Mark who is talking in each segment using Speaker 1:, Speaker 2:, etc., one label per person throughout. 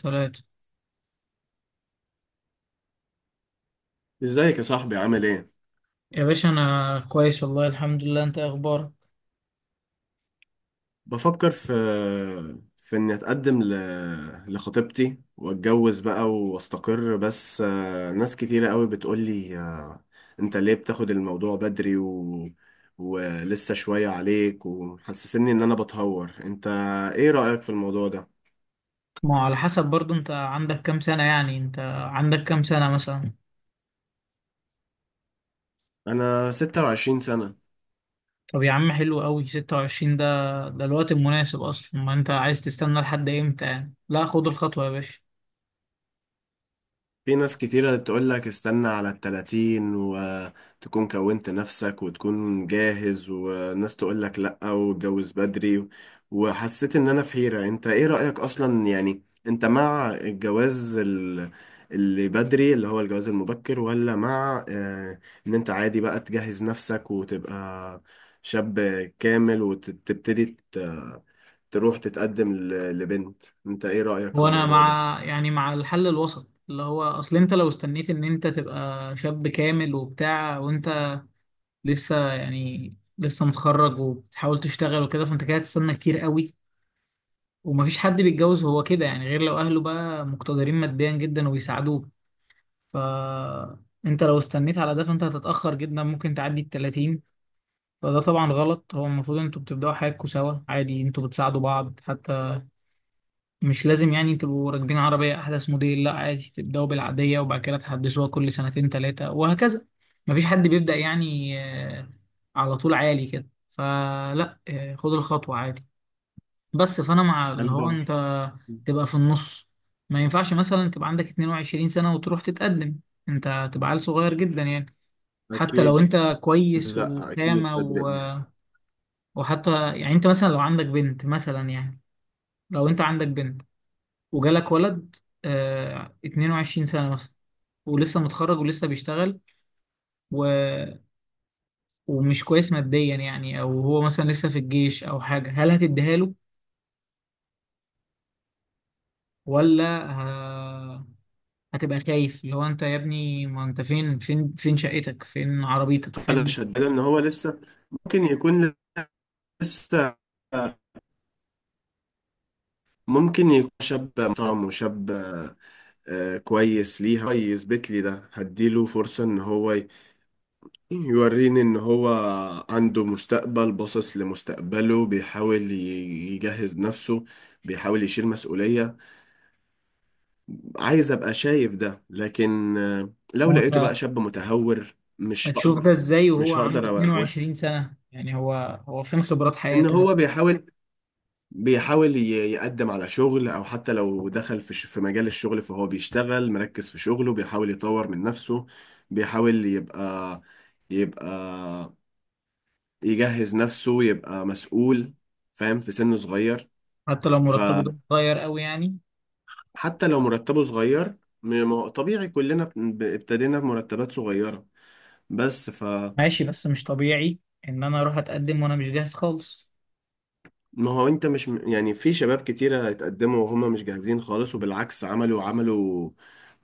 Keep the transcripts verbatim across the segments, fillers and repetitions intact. Speaker 1: ثلاثة.
Speaker 2: ازيك يا صاحبي؟ عامل ايه؟
Speaker 1: يا باشا أنا كويس والله، الحمد لله. أنت إيه أخبارك؟
Speaker 2: بفكر في في اني اتقدم ل... لخطيبتي واتجوز بقى واستقر، بس آه، ناس كتيرة قوي بتقولي آه، انت ليه بتاخد الموضوع بدري و... ولسه شوية عليك ومحسسني ان انا بتهور. انت ايه رأيك في الموضوع ده؟
Speaker 1: ما هو على حسب برضو. أنت عندك كام سنة يعني؟ أنت عندك كام سنة مثلا؟
Speaker 2: انا ستة وعشرين سنة.
Speaker 1: طب يا عم حلو قوي. ستة وعشرين ده ده الوقت المناسب أصلا. ما أنت عايز تستنى لحد إمتى يعني؟ لا، خد الخطوة يا باشا.
Speaker 2: في ناس كتيرة تقول لك استنى على التلاتين وتكون كونت نفسك وتكون جاهز، وناس تقول لك لأ واتجوز بدري. وحسيت إن أنا في حيرة. أنت إيه رأيك أصلا؟ يعني أنت مع الجواز ال- اللي بدري، اللي هو الجواز المبكر، ولا مع آه، إن أنت عادي بقى تجهز نفسك وتبقى شاب كامل وتبتدي تروح تتقدم ل- لبنت؟ أنت إيه رأيك في
Speaker 1: وأنا
Speaker 2: الموضوع ده؟
Speaker 1: مع، يعني، مع الحل الوسط اللي هو أصل أنت لو استنيت إن أنت تبقى شاب كامل وبتاع، وأنت لسه، يعني، لسه متخرج وبتحاول تشتغل وكده، فأنت كده هتستنى كتير قوي. ومفيش حد بيتجوز هو كده يعني، غير لو اهله بقى مقتدرين ماديا جدا وبيساعدوه. فانت لو استنيت على ده فانت هتتأخر جدا، ممكن تعدي ال تلاتين. فده طبعا غلط، هو المفروض انتوا بتبدأوا حياتكم سوا عادي، انتوا بتساعدوا بعض حتى. مش لازم يعني تبقوا راكبين عربية احدث موديل، لا عادي تبدأوا بالعادية وبعد كده تحدثوها كل سنتين ثلاثة وهكذا. مفيش حد بيبدأ يعني آه، على طول عالي كده، فلا آه، خد الخطوة عادي. بس فانا مع اللي
Speaker 2: أنا
Speaker 1: هو
Speaker 2: بقى
Speaker 1: انت تبقى في النص. ما ينفعش مثلا تبقى عندك اتنين وعشرين سنة وتروح تتقدم، انت تبقى عيل صغير جدا يعني. حتى لو
Speaker 2: أكيد
Speaker 1: انت كويس
Speaker 2: لا، اكيد
Speaker 1: وقامة
Speaker 2: بدري
Speaker 1: و...
Speaker 2: قوي.
Speaker 1: وحتى يعني، انت مثلا لو عندك بنت مثلا يعني، لو انت عندك بنت وجالك ولد آه اتنين وعشرين سنة مثلا، ولسه متخرج ولسه بيشتغل و... ومش كويس ماديا يعني، او هو مثلا لسه في الجيش او حاجة، هل هتديها له ولا هتبقى خايف؟ اللي هو انت يا ابني، ما انت فين فين؟ فين شقتك؟ فين عربيتك
Speaker 2: انا
Speaker 1: فين؟
Speaker 2: شدد ان هو لسه ممكن يكون لسه ممكن يكون شاب محترم وشاب آه، كويس ليها، كويس بيتلي، ده هديله فرصة ان هو ي- يوريني ان هو عنده مستقبل، باصص لمستقبله، بيحاول ي- يجهز نفسه، بيحاول يشيل مسؤولية. عايز ابقى شايف ده، لكن آه،
Speaker 1: ما
Speaker 2: لو
Speaker 1: هو
Speaker 2: لقيته بقى
Speaker 1: انت
Speaker 2: شاب متهور مش
Speaker 1: هتشوف ده
Speaker 2: هقدر،
Speaker 1: ازاي وهو
Speaker 2: مش
Speaker 1: عنده
Speaker 2: هقدر أوقف.
Speaker 1: اتنين وعشرين سنة يعني؟ هو هو فين خبرات
Speaker 2: ان
Speaker 1: حياته مثلا؟
Speaker 2: هو بيحاول، بيحاول ي- يقدم على شغل، او حتى لو دخل في ش- في مجال الشغل فهو بيشتغل مركز في شغله، بيحاول يطور من نفسه، بيحاول يبقى يبقى يجهز نفسه يبقى مسؤول، فاهم، في سن صغير.
Speaker 1: حتى لو مرتبه
Speaker 2: فحتى
Speaker 1: ده صغير قوي يعني.
Speaker 2: لو مرتبه صغير، م- م- طبيعي كلنا ب- ابتدينا بمرتبات صغيرة. بس
Speaker 1: ماشي، بس مش طبيعي ان انا اروح اتقدم وانا مش جاهز خالص.
Speaker 2: ما هو انت مش م- يعني في شباب كتيرة اتقدموا وهم مش جاهزين خالص، وبالعكس عملوا عملوا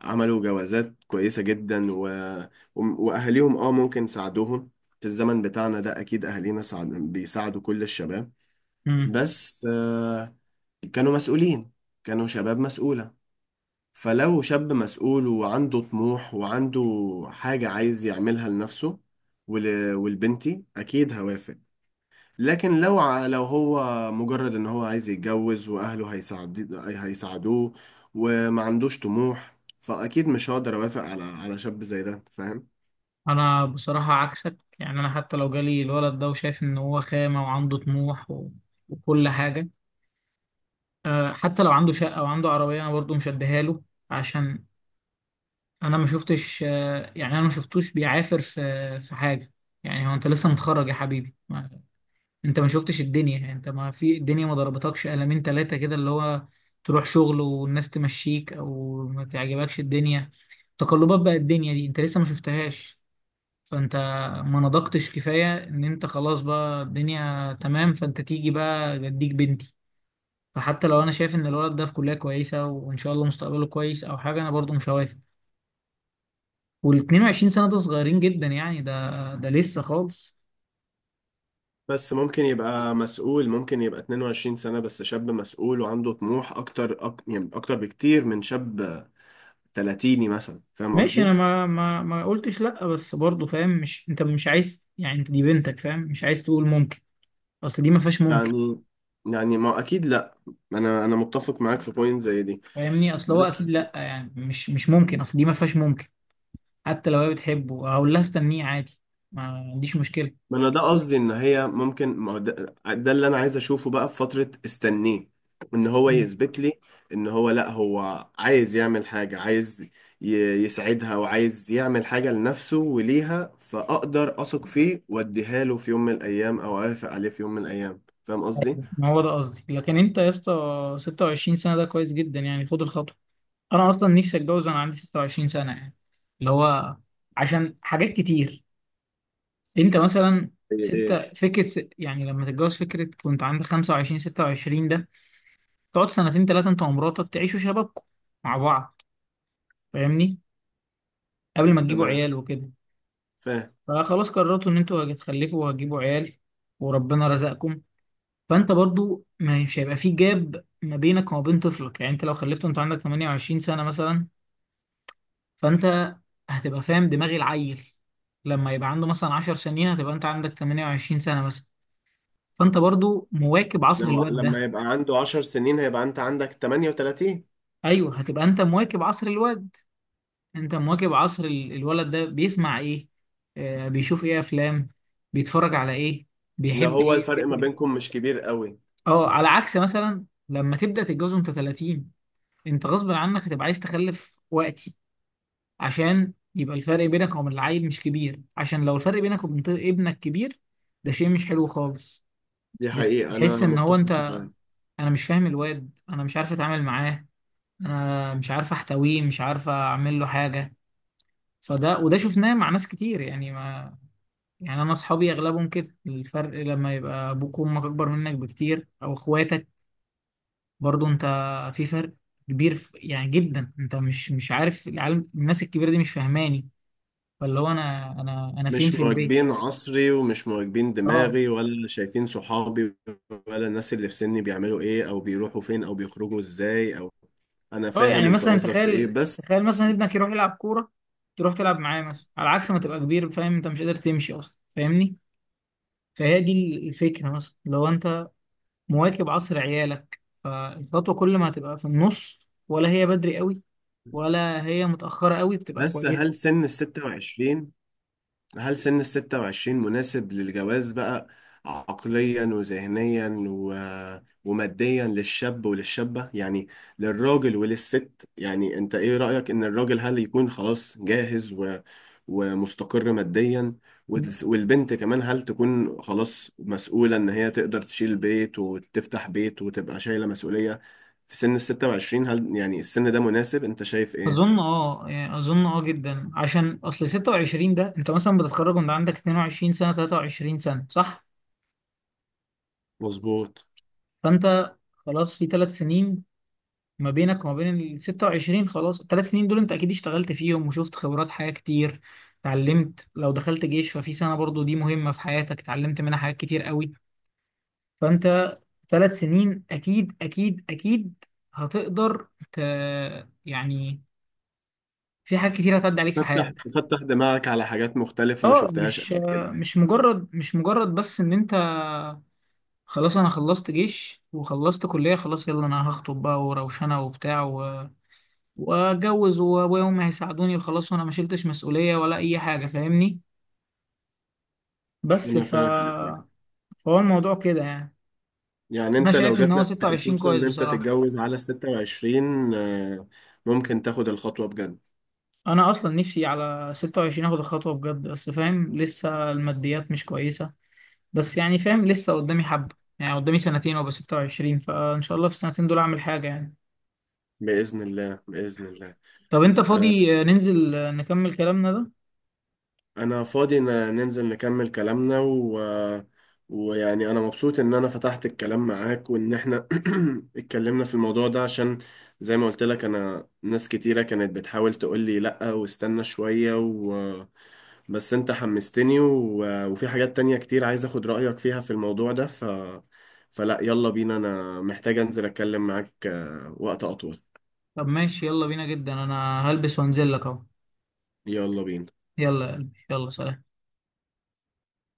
Speaker 2: عملوا جوازات كويسة جدا و... و- واهاليهم اه ممكن ساعدوهم. في الزمن بتاعنا ده اكيد اهالينا ساعد... بيساعدوا كل الشباب،
Speaker 1: امم.
Speaker 2: بس آه، كانوا مسؤولين، كانوا شباب مسؤولة. فلو شاب مسؤول وعنده طموح وعنده حاجة عايز يعملها لنفسه ول... والبنتي، اكيد هوافق. لكن لو ع- لو هو مجرد ان هو عايز يتجوز واهله هيساعد هيساعدوه وما عندوش طموح، فاكيد مش هقدر اوافق على على شاب زي ده، فاهم؟
Speaker 1: انا بصراحة عكسك. يعني انا حتى لو جالي الولد ده وشايف ان هو خامة وعنده طموح و... وكل حاجة. أه، حتى لو عنده شقة وعنده عربية انا برضه مش هديها له. عشان انا ما شفتش آه، يعني انا ما شفتوش بيعافر في في حاجه. يعني هو انت لسه متخرج يا حبيبي، ما انت ما شفتش الدنيا. يعني انت ما في الدنيا، ما ضربتكش قلمين ثلاثه كده، اللي هو تروح شغل والناس تمشيك، او ما تعجبكش الدنيا. تقلبات بقى الدنيا دي انت لسه ما شفتهاش. فانت ما نضجتش كفايه ان انت خلاص بقى الدنيا تمام، فانت تيجي بقى جديك بنتي. فحتى لو انا شايف ان الولد ده في كليه كويسه وان شاء الله مستقبله كويس او حاجه، انا برضو مش هوافق. وال اتنين وعشرين سنة ده صغيرين جدا يعني، ده ده لسه خالص.
Speaker 2: بس ممكن يبقى مسؤول، ممكن يبقى اتنين وعشرين سنة بس شاب مسؤول وعنده طموح اكتر أك... يعني اكتر بكتير من شاب تلاتين مثلا، فاهم
Speaker 1: ماشي، انا
Speaker 2: قصدي؟
Speaker 1: ما ما ما قلتش لا، بس برضه فاهم. مش انت مش عايز يعني، انت دي بنتك فاهم، مش عايز تقول ممكن، اصل دي ما فيهاش ممكن.
Speaker 2: يعني، يعني ما اكيد لا. انا انا متفق معاك في بوينت زي دي.
Speaker 1: فاهمني، اصل هو اكيد
Speaker 2: بس
Speaker 1: لا يعني، مش مش ممكن، اصل دي ما فيهاش ممكن. حتى لو هي بتحبه هقول لها استنيه عادي، ما عنديش مشكلة.
Speaker 2: ما انا ده قصدي، ان هي ممكن، ما هو ده، ده اللي انا عايز اشوفه بقى في فترة استنيه. ان هو
Speaker 1: مم.
Speaker 2: يثبت لي ان هو لا، هو عايز يعمل حاجة، عايز ي- يسعدها وعايز يعمل حاجة لنفسه وليها، فاقدر اثق فيه واديها له في يوم من الايام، او اوافق عليه في يوم من الايام، فاهم قصدي؟
Speaker 1: ما هو ده قصدي، لكن انت يا اسطى ستة وعشرين سنة ده كويس جدا يعني، خد الخطوة. انا اصلا نفسي اتجوز وانا عندي ستة وعشرين سنة يعني، اللي هو عشان حاجات كتير. انت مثلا
Speaker 2: ايه ايه،
Speaker 1: ستة فكرة س- يعني لما تتجوز فكرة وانت عندك خمسة وعشرين ستة وعشرين ده، تقعد سنتين ثلاثة انت ومراتك تعيشوا شبابكم مع بعض، فاهمني، قبل ما تجيبوا
Speaker 2: تمام،
Speaker 1: عيال وكده.
Speaker 2: فاهم.
Speaker 1: فخلاص قررتوا ان انتوا هتخلفوا وهتجيبوا عيال وربنا رزقكم. فانت برضو مش هيبقى في جاب ما بينك وما بين طفلك يعني. انت لو خلفته انت عندك ثمانية وعشرين سنة مثلا، فانت هتبقى فاهم دماغ العيل لما يبقى عنده مثلا عشر سنين، هتبقى انت عندك ثمانية وعشرين سنة مثلا، فانت برضو مواكب عصر
Speaker 2: لو
Speaker 1: الواد
Speaker 2: لما
Speaker 1: ده.
Speaker 2: يبقى عنده عشر سنين هيبقى انت عندك ثمانية وثلاثين.
Speaker 1: ايوه هتبقى انت مواكب عصر الواد، انت مواكب عصر ال- الولد ده بيسمع ايه، آه بيشوف ايه افلام، بيتفرج على ايه،
Speaker 2: لو
Speaker 1: بيحب
Speaker 2: هو
Speaker 1: ايه
Speaker 2: الفرق ما
Speaker 1: بيكره.
Speaker 2: بينكم مش كبير قوي.
Speaker 1: اه، على عكس مثلا لما تبدا تتجوز وانت تلاتين، انت غصب عنك هتبقى عايز تخلف وقتي، عشان يبقى الفرق بينك وبين العيل مش كبير. عشان لو الفرق بينك وبين ط- ابنك كبير، ده شيء مش حلو خالص.
Speaker 2: دي حقيقة، انا
Speaker 1: بتحس ان هو انت،
Speaker 2: متفق معاك.
Speaker 1: انا مش فاهم الواد، انا مش عارف اتعامل معاه، انا مش عارف احتويه، مش عارف اعمل له حاجه. فده وده شفناه مع ناس كتير يعني، ما يعني، انا اصحابي اغلبهم كده. الفرق لما يبقى ابوك وامك اكبر منك بكتير او اخواتك، برضو انت في فرق كبير في يعني جدا، انت مش مش عارف العالم. الناس الكبيره دي مش فاهماني، فاللي هو انا انا انا فين
Speaker 2: مش
Speaker 1: في البيت؟
Speaker 2: مواكبين عصري، ومش مواكبين
Speaker 1: اه.
Speaker 2: دماغي، ولا شايفين صحابي، ولا الناس اللي في سني بيعملوا ايه، او بيروحوا فين، او بيخرجوا ازاي، او... انا
Speaker 1: اه،
Speaker 2: فاهم
Speaker 1: يعني
Speaker 2: انت
Speaker 1: مثلا،
Speaker 2: قصدك في ايه،
Speaker 1: تخيل
Speaker 2: بس
Speaker 1: تخيل مثلا ابنك يروح يلعب كوره تروح تلعب معاه، مثلا على عكس ما تبقى كبير فاهم انت مش قادر تمشي اصلا، فاهمني. فهي دي الفكره مثلا لو انت مواكب عصر عيالك فالخطوة كل ما هتبقى في النص، ولا هي بدري قوي ولا هي متأخرة قوي، بتبقى كويسة.
Speaker 2: بس هل سن ال ستة وعشرين هل سن ال ستة وعشرين مناسب للجواز بقى، عقليا وذهنيا و... وماديا، للشاب وللشابة، يعني للراجل وللست؟ يعني انت ايه رأيك؟ ان الراجل هل يكون خلاص جاهز و... ومستقر ماديا، والس- والبنت كمان هل تكون خلاص مسؤولة ان هي تقدر تشيل بيت وتفتح بيت وتبقى شايلة مسؤولية في سن ال ستة وعشرين؟ هل يعني السن ده مناسب؟ انت شايف ايه؟
Speaker 1: أظن أه يعني أظن أه جدا، عشان أصل ستة وعشرين ده أنت مثلا بتتخرج وأنت عندك اتنين وعشرين سنة تلاتة وعشرين سنة صح؟
Speaker 2: مظبوط.
Speaker 1: فأنت خلاص في ثلاث سنين ما بينك وما بين ال ستة وعشرين، خلاص الثلاث سنين دول أنت أكيد اشتغلت فيهم وشفت خبرات حياة كتير، اتعلمت. لو دخلت جيش ففي سنة برضو دي مهمة في حياتك، اتعلمت منها حاجات كتير قوي. فأنت ثلاث سنين اكيد اكيد اكيد هتقدر ت... يعني، في حاجات كتير هتعدي عليك في
Speaker 2: فتح،
Speaker 1: حياتك.
Speaker 2: فتح دماغك على حاجات مختلفة ما
Speaker 1: اه،
Speaker 2: شفتهاش
Speaker 1: مش
Speaker 2: قبل كده.
Speaker 1: مش مجرد مش مجرد بس ان انت خلاص انا خلصت جيش وخلصت كلية، خلاص يلا انا هخطب بقى وروشنة وبتاع و... واتجوز، وابويا وامي هيساعدوني وخلاص، وانا ما شلتش مسؤولية ولا اي حاجة فاهمني. بس
Speaker 2: أنا
Speaker 1: ف
Speaker 2: فاهم، أيوة.
Speaker 1: فهو الموضوع كده يعني.
Speaker 2: يعني
Speaker 1: انا
Speaker 2: أنت لو
Speaker 1: شايف ان
Speaker 2: جات
Speaker 1: هو
Speaker 2: لك
Speaker 1: ستة وعشرين
Speaker 2: الفرصة
Speaker 1: كويس
Speaker 2: إن أنت
Speaker 1: بصراحة.
Speaker 2: تتجوز على الستة وعشرين، آه، ممكن تاخد الخطوة بجد.
Speaker 1: انا اصلا نفسي على ستة وعشرين اخد الخطوه بجد، بس فاهم لسه الماديات مش كويسه، بس يعني فاهم لسه قدامي حبه يعني، قدامي سنتين وابقى ستة وعشرين، فان شاء الله في السنتين دول اعمل حاجه يعني.
Speaker 2: بإذن الله، بإذن الله.
Speaker 1: طب انت
Speaker 2: آه،
Speaker 1: فاضي آه، ننزل آه، نكمل كلامنا ده.
Speaker 2: انا فاضي، ن- ننزل نكمل كلامنا و... ويعني انا مبسوط ان انا فتحت الكلام معاك، وان احنا اتكلمنا في الموضوع ده. عشان زي ما قلت لك، انا ناس كتيرة كانت بتحاول تقول لي لا واستنى شوية و... بس انت حمستني و... وفي حاجات تانية كتير عايز اخد رأيك فيها في الموضوع ده ف... فلا، يلا بينا، انا محتاج انزل اتكلم معاك آه، وقت اطول.
Speaker 1: طب ماشي، يلا بينا جدا، انا هلبس وانزل لك اهو.
Speaker 2: يلا بينا.
Speaker 1: يلا يا قلبي، يلا سلام.